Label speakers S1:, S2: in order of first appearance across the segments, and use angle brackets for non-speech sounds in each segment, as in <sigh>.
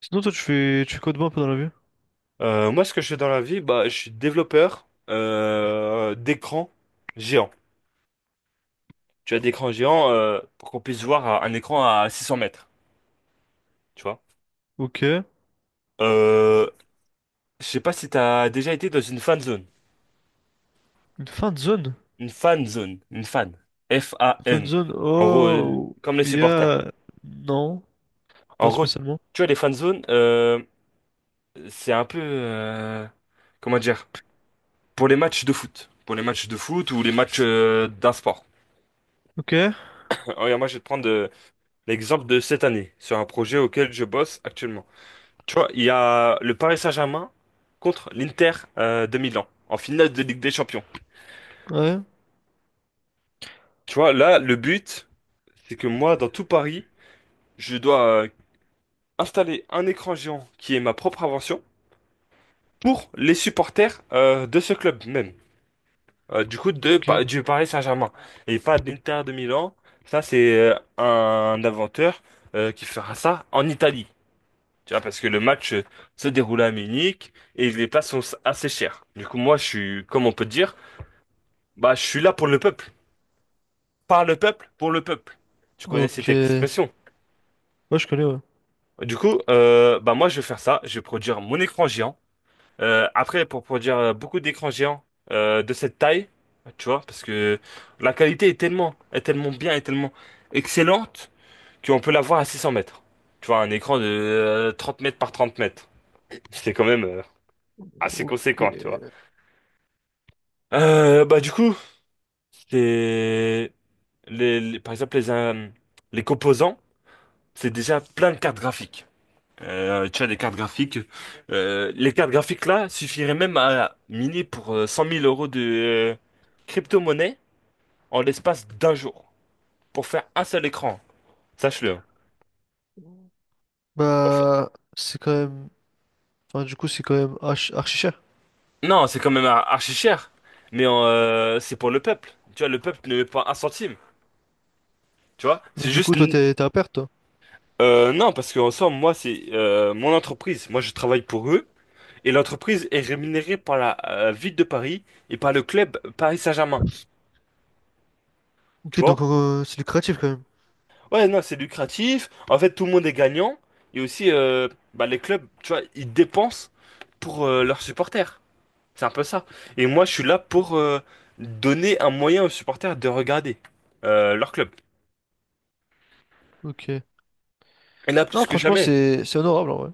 S1: Sinon, toi, tu fais quoi de bon un peu dans la vie?
S2: Moi, ce que je fais dans la vie, bah, je suis développeur d'écran géant. Tu as d'écran géant pour qu'on puisse voir un écran à 600 mètres, tu vois.
S1: Ok.
S2: Euh, je sais pas si t'as déjà été dans une fan zone.
S1: Une fin de zone?
S2: Une fan zone. Une fan.
S1: Fin de
S2: F-A-N.
S1: zone?
S2: En gros,
S1: Oh,
S2: comme les
S1: il y
S2: supporters.
S1: a... Non,
S2: En
S1: pas
S2: gros,
S1: spécialement.
S2: tu vois, les fan zones, c'est un peu... euh, comment dire? Pour les matchs de foot. Pour les matchs de foot ou les matchs d'un sport.
S1: Ok,
S2: <laughs> Regarde, moi, je vais te prendre l'exemple de cette année, sur un projet auquel je bosse actuellement. Tu vois, il y a le Paris Saint-Germain contre l'Inter de Milan, en finale de Ligue des Champions.
S1: ouais,
S2: Tu vois, là, le but, c'est que moi, dans tout Paris, je dois installer un écran géant qui est ma propre invention pour les supporters de ce club même. Du coup, de,
S1: ok.
S2: Pa- du Paris Saint-Germain. Et pas de l'Inter de Milan. Ça, c'est un inventeur qui fera ça en Italie. Tu vois, parce que le match se déroulait à Munich et les places sont assez chères. Du coup, moi, je suis, comme on peut dire, bah, je suis là pour le peuple. Par le peuple, pour le peuple. Tu connais
S1: Ok.
S2: cette
S1: Ouais,
S2: expression.
S1: je connais, ouais.
S2: Du coup, bah, moi, je vais faire ça. Je vais produire mon écran géant. Après, pour produire beaucoup d'écrans géants de cette taille, tu vois, parce que la qualité est tellement excellente qu'on peut l'avoir à 600 mètres. Tu vois, un écran de 30 mètres par 30 mètres. C'est quand même assez
S1: Ok.
S2: conséquent, tu vois. Bah du coup, les, par exemple les composants, c'est déjà plein de cartes graphiques. Tu as des cartes graphiques. Les cartes graphiques là suffiraient même à miner pour 100 000 euros de crypto-monnaie en l'espace d'un jour pour faire un seul écran. Sache-le, hein. Pour faire-
S1: Bah, c'est quand même... Enfin, du coup, c'est quand même archi, archi cher.
S2: Non, c'est quand même archi cher, mais c'est pour le peuple. Tu vois, le peuple ne met pas un centime. Tu vois,
S1: Mais
S2: c'est
S1: du coup,
S2: juste.
S1: toi, t'es à perte, toi.
S2: Non, parce qu'en somme, moi, c'est mon entreprise. Moi, je travaille pour eux. Et l'entreprise est rémunérée par la ville de Paris et par le club Paris Saint-Germain. Tu
S1: Ok,
S2: vois?
S1: donc c'est lucratif quand même.
S2: Ouais, non, c'est lucratif. En fait, tout le monde est gagnant. Et aussi, bah, les clubs, tu vois, ils dépensent pour leurs supporters. C'est un peu ça. Et moi, je suis là pour donner un moyen aux supporters de regarder leur club.
S1: Ok.
S2: Et là,
S1: Non,
S2: plus que
S1: franchement,
S2: jamais.
S1: c'est honorable, en vrai.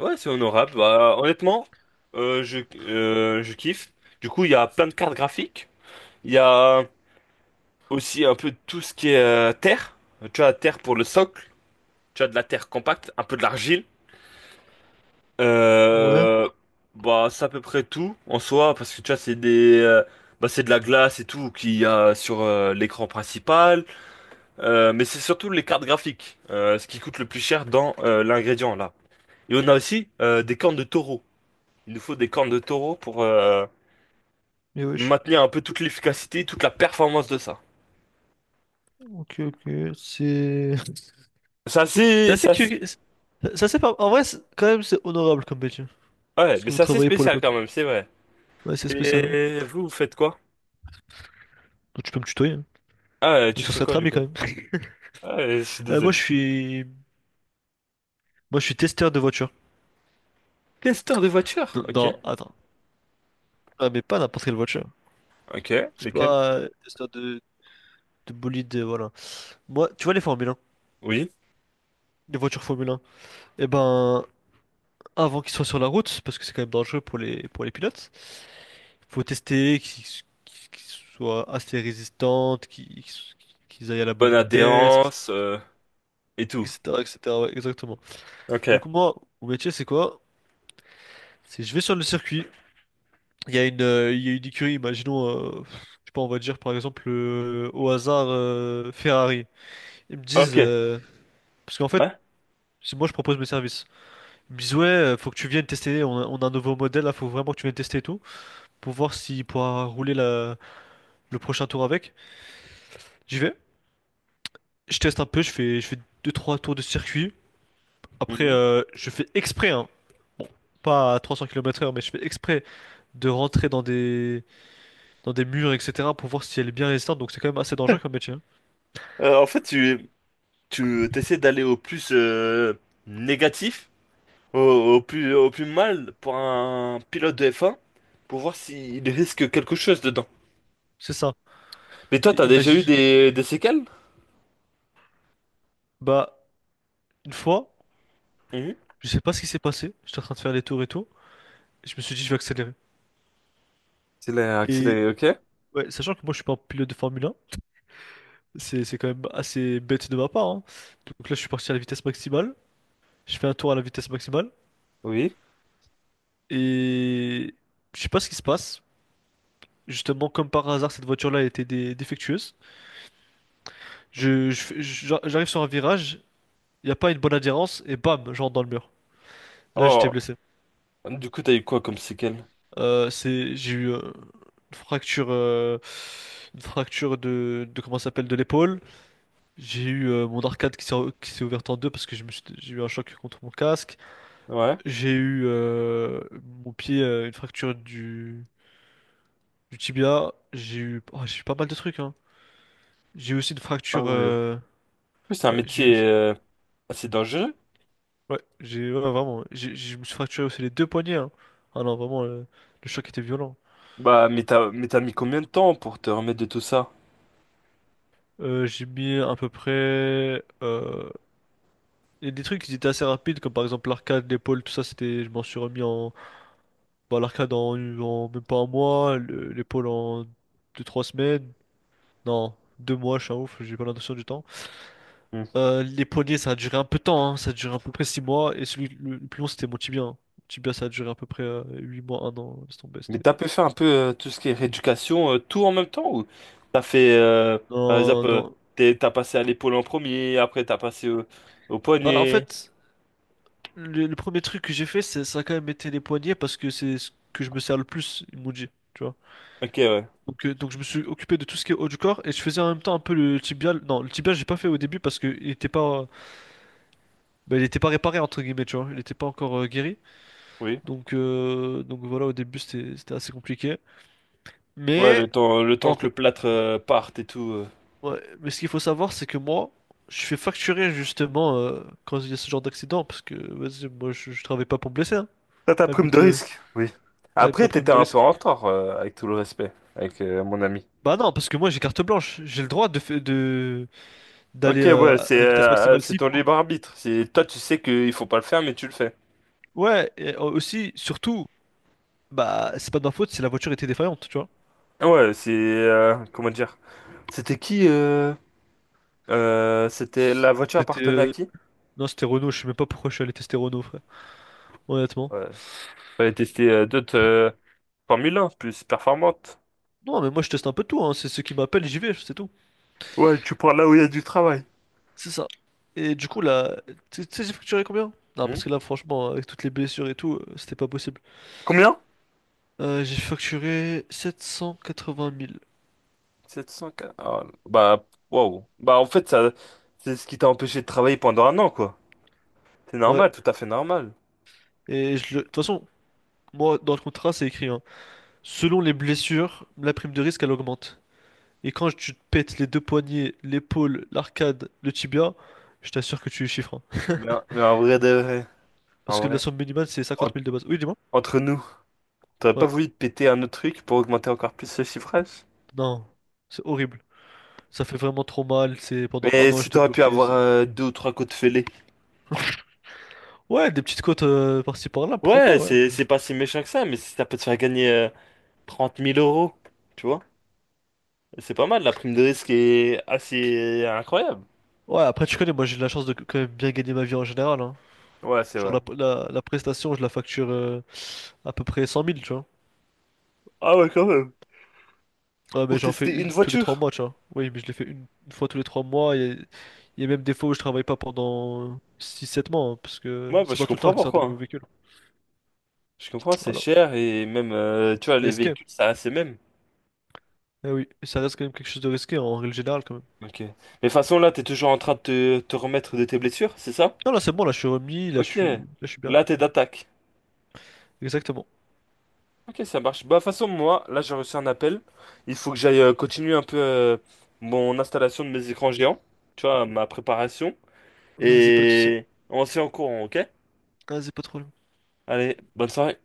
S2: Ouais, c'est honorable. Bah, honnêtement, je kiffe. Du coup, il y a plein de cartes graphiques. Il y a aussi un peu tout ce qui est terre. Tu as terre pour le socle. Tu as de la terre compacte, un peu de l'argile.
S1: Ouais,
S2: Euh, Bah, c'est à peu près tout en soi, parce que tu vois, bah, c'est de la glace et tout qu'il y a sur l'écran principal. Mais c'est surtout les cartes graphiques, ce qui coûte le plus cher dans l'ingrédient là. Et on a aussi des cornes de taureau. Il nous faut des cornes de taureau pour,
S1: mais wesh.
S2: maintenir un peu toute l'efficacité, toute la performance de ça.
S1: Ok, ok, c'est... <laughs> C'est assez
S2: C'est assez-
S1: curieux. Ça, c'est pas... En vrai, quand même, c'est honorable comme métier.
S2: Ouais,
S1: Parce
S2: mais
S1: que vous
S2: c'est assez
S1: travaillez pour le
S2: spécial
S1: peuple.
S2: quand même, c'est vrai.
S1: Ouais, c'est spécial, hein.
S2: Et vous, vous faites quoi?
S1: Donc, tu peux me tutoyer, hein.
S2: Ah,
S1: Mais
S2: tu
S1: ça
S2: fais
S1: serait
S2: quoi
S1: très
S2: du
S1: bien quand
S2: coup?
S1: même. <laughs>
S2: Ah, je suis
S1: Moi,
S2: désolé.
S1: je suis... Moi, je suis testeur de voiture.
S2: Testeur de voiture? Ok.
S1: Attends. Ah, mais pas n'importe quelle voiture.
S2: Ok,
S1: C'est
S2: lesquels?
S1: pas testeur de bolide, voilà. Moi, tu vois les Formule 1,
S2: Oui.
S1: les voitures Formule 1. Eh ben, avant qu'ils soient sur la route, parce que c'est quand même dangereux pour les pilotes, faut tester qu'ils soient assez résistantes, qu'ils aillent à la bonne
S2: Bonne
S1: vitesse,
S2: adhérence, et tout.
S1: etc., etc., ouais, exactement.
S2: Ok.
S1: Donc moi, mon métier, c'est quoi? C'est je vais sur le circuit. Il y a une, il y a une écurie, imaginons, je sais pas, on va dire par exemple au hasard Ferrari. Ils me disent,
S2: Ok.
S1: parce qu'en fait,
S2: Ouais.
S1: si moi je propose mes services, ils me disent ouais, faut que tu viennes tester, on a un nouveau modèle là, faut vraiment que tu viennes tester et tout, pour voir s'il pourra rouler le prochain tour avec. J'y vais, je teste un peu, je fais deux trois tours de circuit. Après,
S2: Mhm.
S1: je fais exprès, hein. Bon, pas à 300 kilomètres h mais je fais exprès de rentrer dans des murs, etc., pour voir si elle est bien résistante, donc c'est quand même assez dangereux comme
S2: <laughs>
S1: métier, hein.
S2: En fait, tu t'essaies d'aller au plus négatif, au plus mal pour un pilote de F1, pour voir s'il risque quelque chose dedans.
S1: C'est ça.
S2: Mais toi,
S1: Et
S2: t'as déjà eu
S1: imagine.
S2: des séquelles?
S1: Bah, une fois,
S2: Mhm.
S1: je sais pas ce qui s'est passé. J'étais en train de faire les tours et tout. Et je me suis dit, je vais accélérer.
S2: Accéléré,
S1: Et
S2: accéléré, ok.
S1: ouais, sachant que moi, je suis pas un pilote de Formule 1, c'est quand même assez bête de ma part, hein. Donc là, je suis parti à la vitesse maximale. Je fais un tour à la vitesse maximale.
S2: Oui.
S1: Et je sais pas ce qui se passe. Justement, comme par hasard, cette voiture-là était défectueuse. J'arrive sur un virage, il n'y a pas une bonne adhérence, et bam, je rentre dans le mur. Là, j'étais
S2: Oh,
S1: blessé.
S2: du coup, t'as eu quoi comme séquelles?
S1: J'ai eu une fracture, euh, une fracture de comment ça s'appelle, de l'épaule. J'ai eu mon arcade qui s'est ouverte en deux parce que j'ai eu un choc contre mon casque.
S2: Ouais.
S1: J'ai eu mon pied, une fracture du tibia. J'ai eu, oh, j'ai eu pas mal de trucs, hein. J'ai eu aussi une
S2: Ah
S1: fracture,
S2: ouais. En plus, c'est un
S1: ouais,
S2: métier assez dangereux.
S1: ouais, j'ai, ouais, vraiment, j'ai, je me suis fracturé aussi les deux poignets, hein. Ah non, vraiment, le choc était violent.
S2: Bah, mais t'as mis combien de temps pour te remettre de tout ça?
S1: J'ai mis à peu près. Et des trucs qui étaient assez rapides, comme par exemple l'arcade, l'épaule, tout ça, c'était, je m'en suis remis en, bah, l'arcade en même pas un mois, l'épaule en 2, 3 semaines, non, 2 mois, je suis un ouf, j'ai pas l'intention du temps.
S2: Hmm.
S1: Les poignets, ça a duré un peu de temps, hein, ça a duré à peu près 6 mois, et celui le plus long, c'était mon tibia, hein. Mon tibia, ça a duré à peu près 8 mois, un an, laisse tomber,
S2: Mais
S1: c'était...
S2: t'as pu faire un peu tout ce qui est rééducation, tout en même temps? Ou t'as fait, par exemple,
S1: Non, non.
S2: t'as passé à l'épaule en premier, après t'as passé au
S1: Bah, en
S2: poignet.
S1: fait, le premier truc que j'ai fait, c'est, ça a quand même été les poignets, parce que c'est ce que je me sers le plus, ils m'ont dit, tu vois.
S2: Ok, ouais.
S1: Donc je me suis occupé de tout ce qui est haut du corps et je faisais en même temps un peu le tibial. Non, le tibial j'ai pas fait au début parce que il était pas, bah, il était pas réparé entre guillemets, tu vois. Il était pas encore guéri.
S2: Oui.
S1: Donc voilà, au début c'était, assez compliqué.
S2: Ouais, le
S1: Mais,
S2: temps, le temps
S1: en
S2: que
S1: re-
S2: le plâtre parte et tout.
S1: ouais, mais ce qu'il faut savoir c'est que moi, je fais facturer justement quand il y a ce genre d'accident parce que vas-y, moi je travaille pas pour me blesser, hein.
S2: T'as
S1: C'est
S2: ta
S1: pas le
S2: prime de
S1: but,
S2: risque, oui.
S1: ouais, ma
S2: Après,
S1: prime
S2: t'étais
S1: de
S2: un peu
S1: risque.
S2: en retard, avec tout le respect, avec mon ami.
S1: Bah non, parce que moi j'ai carte blanche. J'ai le droit de fa- de d'aller
S2: Ok, ouais,
S1: à
S2: c'est
S1: la vitesse
S2: euh,
S1: maximale
S2: c'est
S1: s'il
S2: ton
S1: faut.
S2: libre arbitre. C'est toi, tu sais qu'il faut pas le faire, mais tu le fais.
S1: Ouais, et aussi, surtout, bah, c'est pas de ma faute si la voiture était défaillante, tu vois.
S2: Ouais, c'est comment dire? C'était qui euh, c'était la voiture
S1: C'était.
S2: appartenait à qui?
S1: Non, c'était Renault, je sais même pas pourquoi je suis allé tester Renault, frère, honnêtement.
S2: Ouais. Fallait tester d'autres Formule 1 plus performantes.
S1: Non, mais moi je teste un peu de tout, hein. C'est ceux qui m'appellent, j'y vais, c'est tout.
S2: Ouais, tu prends là où il y a du travail.
S1: C'est ça. Et du coup, là, tu sais, j'ai facturé combien? Non,
S2: Hmm.
S1: parce que là, franchement, avec toutes les blessures et tout, c'était pas possible.
S2: Combien?
S1: J'ai facturé 780 000.
S2: 700. Ah, bah, waouh. Bah, en fait, ça, c'est ce qui t'a empêché de travailler pendant un an, quoi. C'est
S1: Ouais,
S2: normal, tout à fait normal.
S1: et je le... De toute façon, moi, dans le contrat, c'est écrit, hein. Selon les blessures, la prime de risque, elle augmente. Et quand tu te pètes les deux poignets, l'épaule, l'arcade, le tibia, je t'assure que tu es chiffres, hein.
S2: Mais en vrai de vrai,
S1: Parce que
S2: en
S1: la
S2: vrai,
S1: somme minimale, c'est
S2: en-
S1: 50 000 de base. Oui, dis-moi.
S2: entre nous, t'aurais pas
S1: Ouais.
S2: voulu te péter un autre truc pour augmenter encore plus ce chiffrage?
S1: Non. C'est horrible. Ça fait vraiment trop mal. C'est pendant un
S2: Mais
S1: an,
S2: si
S1: j'étais
S2: t'aurais pu
S1: bloqué.
S2: avoir deux ou trois coups de fêlé.
S1: Ouais, des petites côtes par-ci par-là, pourquoi pas,
S2: Ouais,
S1: ouais.
S2: c'est c'est pas si méchant que ça, mais si ça peut te faire gagner 30 000 euros, tu vois? C'est pas mal, la prime de risque est assez incroyable.
S1: Ouais, après, tu connais, moi, j'ai de la chance de quand même bien gagner ma vie en général, hein.
S2: Ouais, c'est
S1: Genre,
S2: vrai.
S1: la prestation, je la facture à peu près 100 000, tu vois.
S2: Ah ouais, quand même.
S1: Ouais, mais
S2: Pour
S1: j'en fais
S2: tester
S1: une
S2: une
S1: tous les trois
S2: voiture.
S1: mois, tu vois. Oui, mais je l'ai fait une fois tous les 3 mois. Il y a même des fois où je travaille pas pendant 6, 7 mois, hein, parce que
S2: Ouais, bah,
S1: c'est
S2: je
S1: pas tout le temps
S2: comprends
S1: qu'ils sortent des
S2: pourquoi, hein.
S1: nouveaux véhicules.
S2: Je comprends, c'est
S1: Voilà.
S2: cher et même, tu vois,
S1: C'est
S2: les
S1: risqué.
S2: véhicules, ça a ses mêmes.
S1: Eh oui, et ça reste quand même quelque chose de risqué en règle générale, quand même.
S2: Ok. Mais de toute façon, là, t'es toujours en train de te remettre de tes blessures, c'est ça?
S1: Non, là, c'est bon, là, je suis remis,
S2: Ok.
S1: là, je suis bien.
S2: Là, t'es d'attaque.
S1: Exactement.
S2: Ok, ça marche. Bah, de toute façon, moi, là, j'ai reçu un appel. Il faut que j'aille continuer un peu mon installation de mes écrans géants. Tu vois, ma préparation.
S1: Vas-y, pas de soucis.
S2: Et on se fait en courant, ok?
S1: Vas-y, pas trop.
S2: Allez, bonne soirée.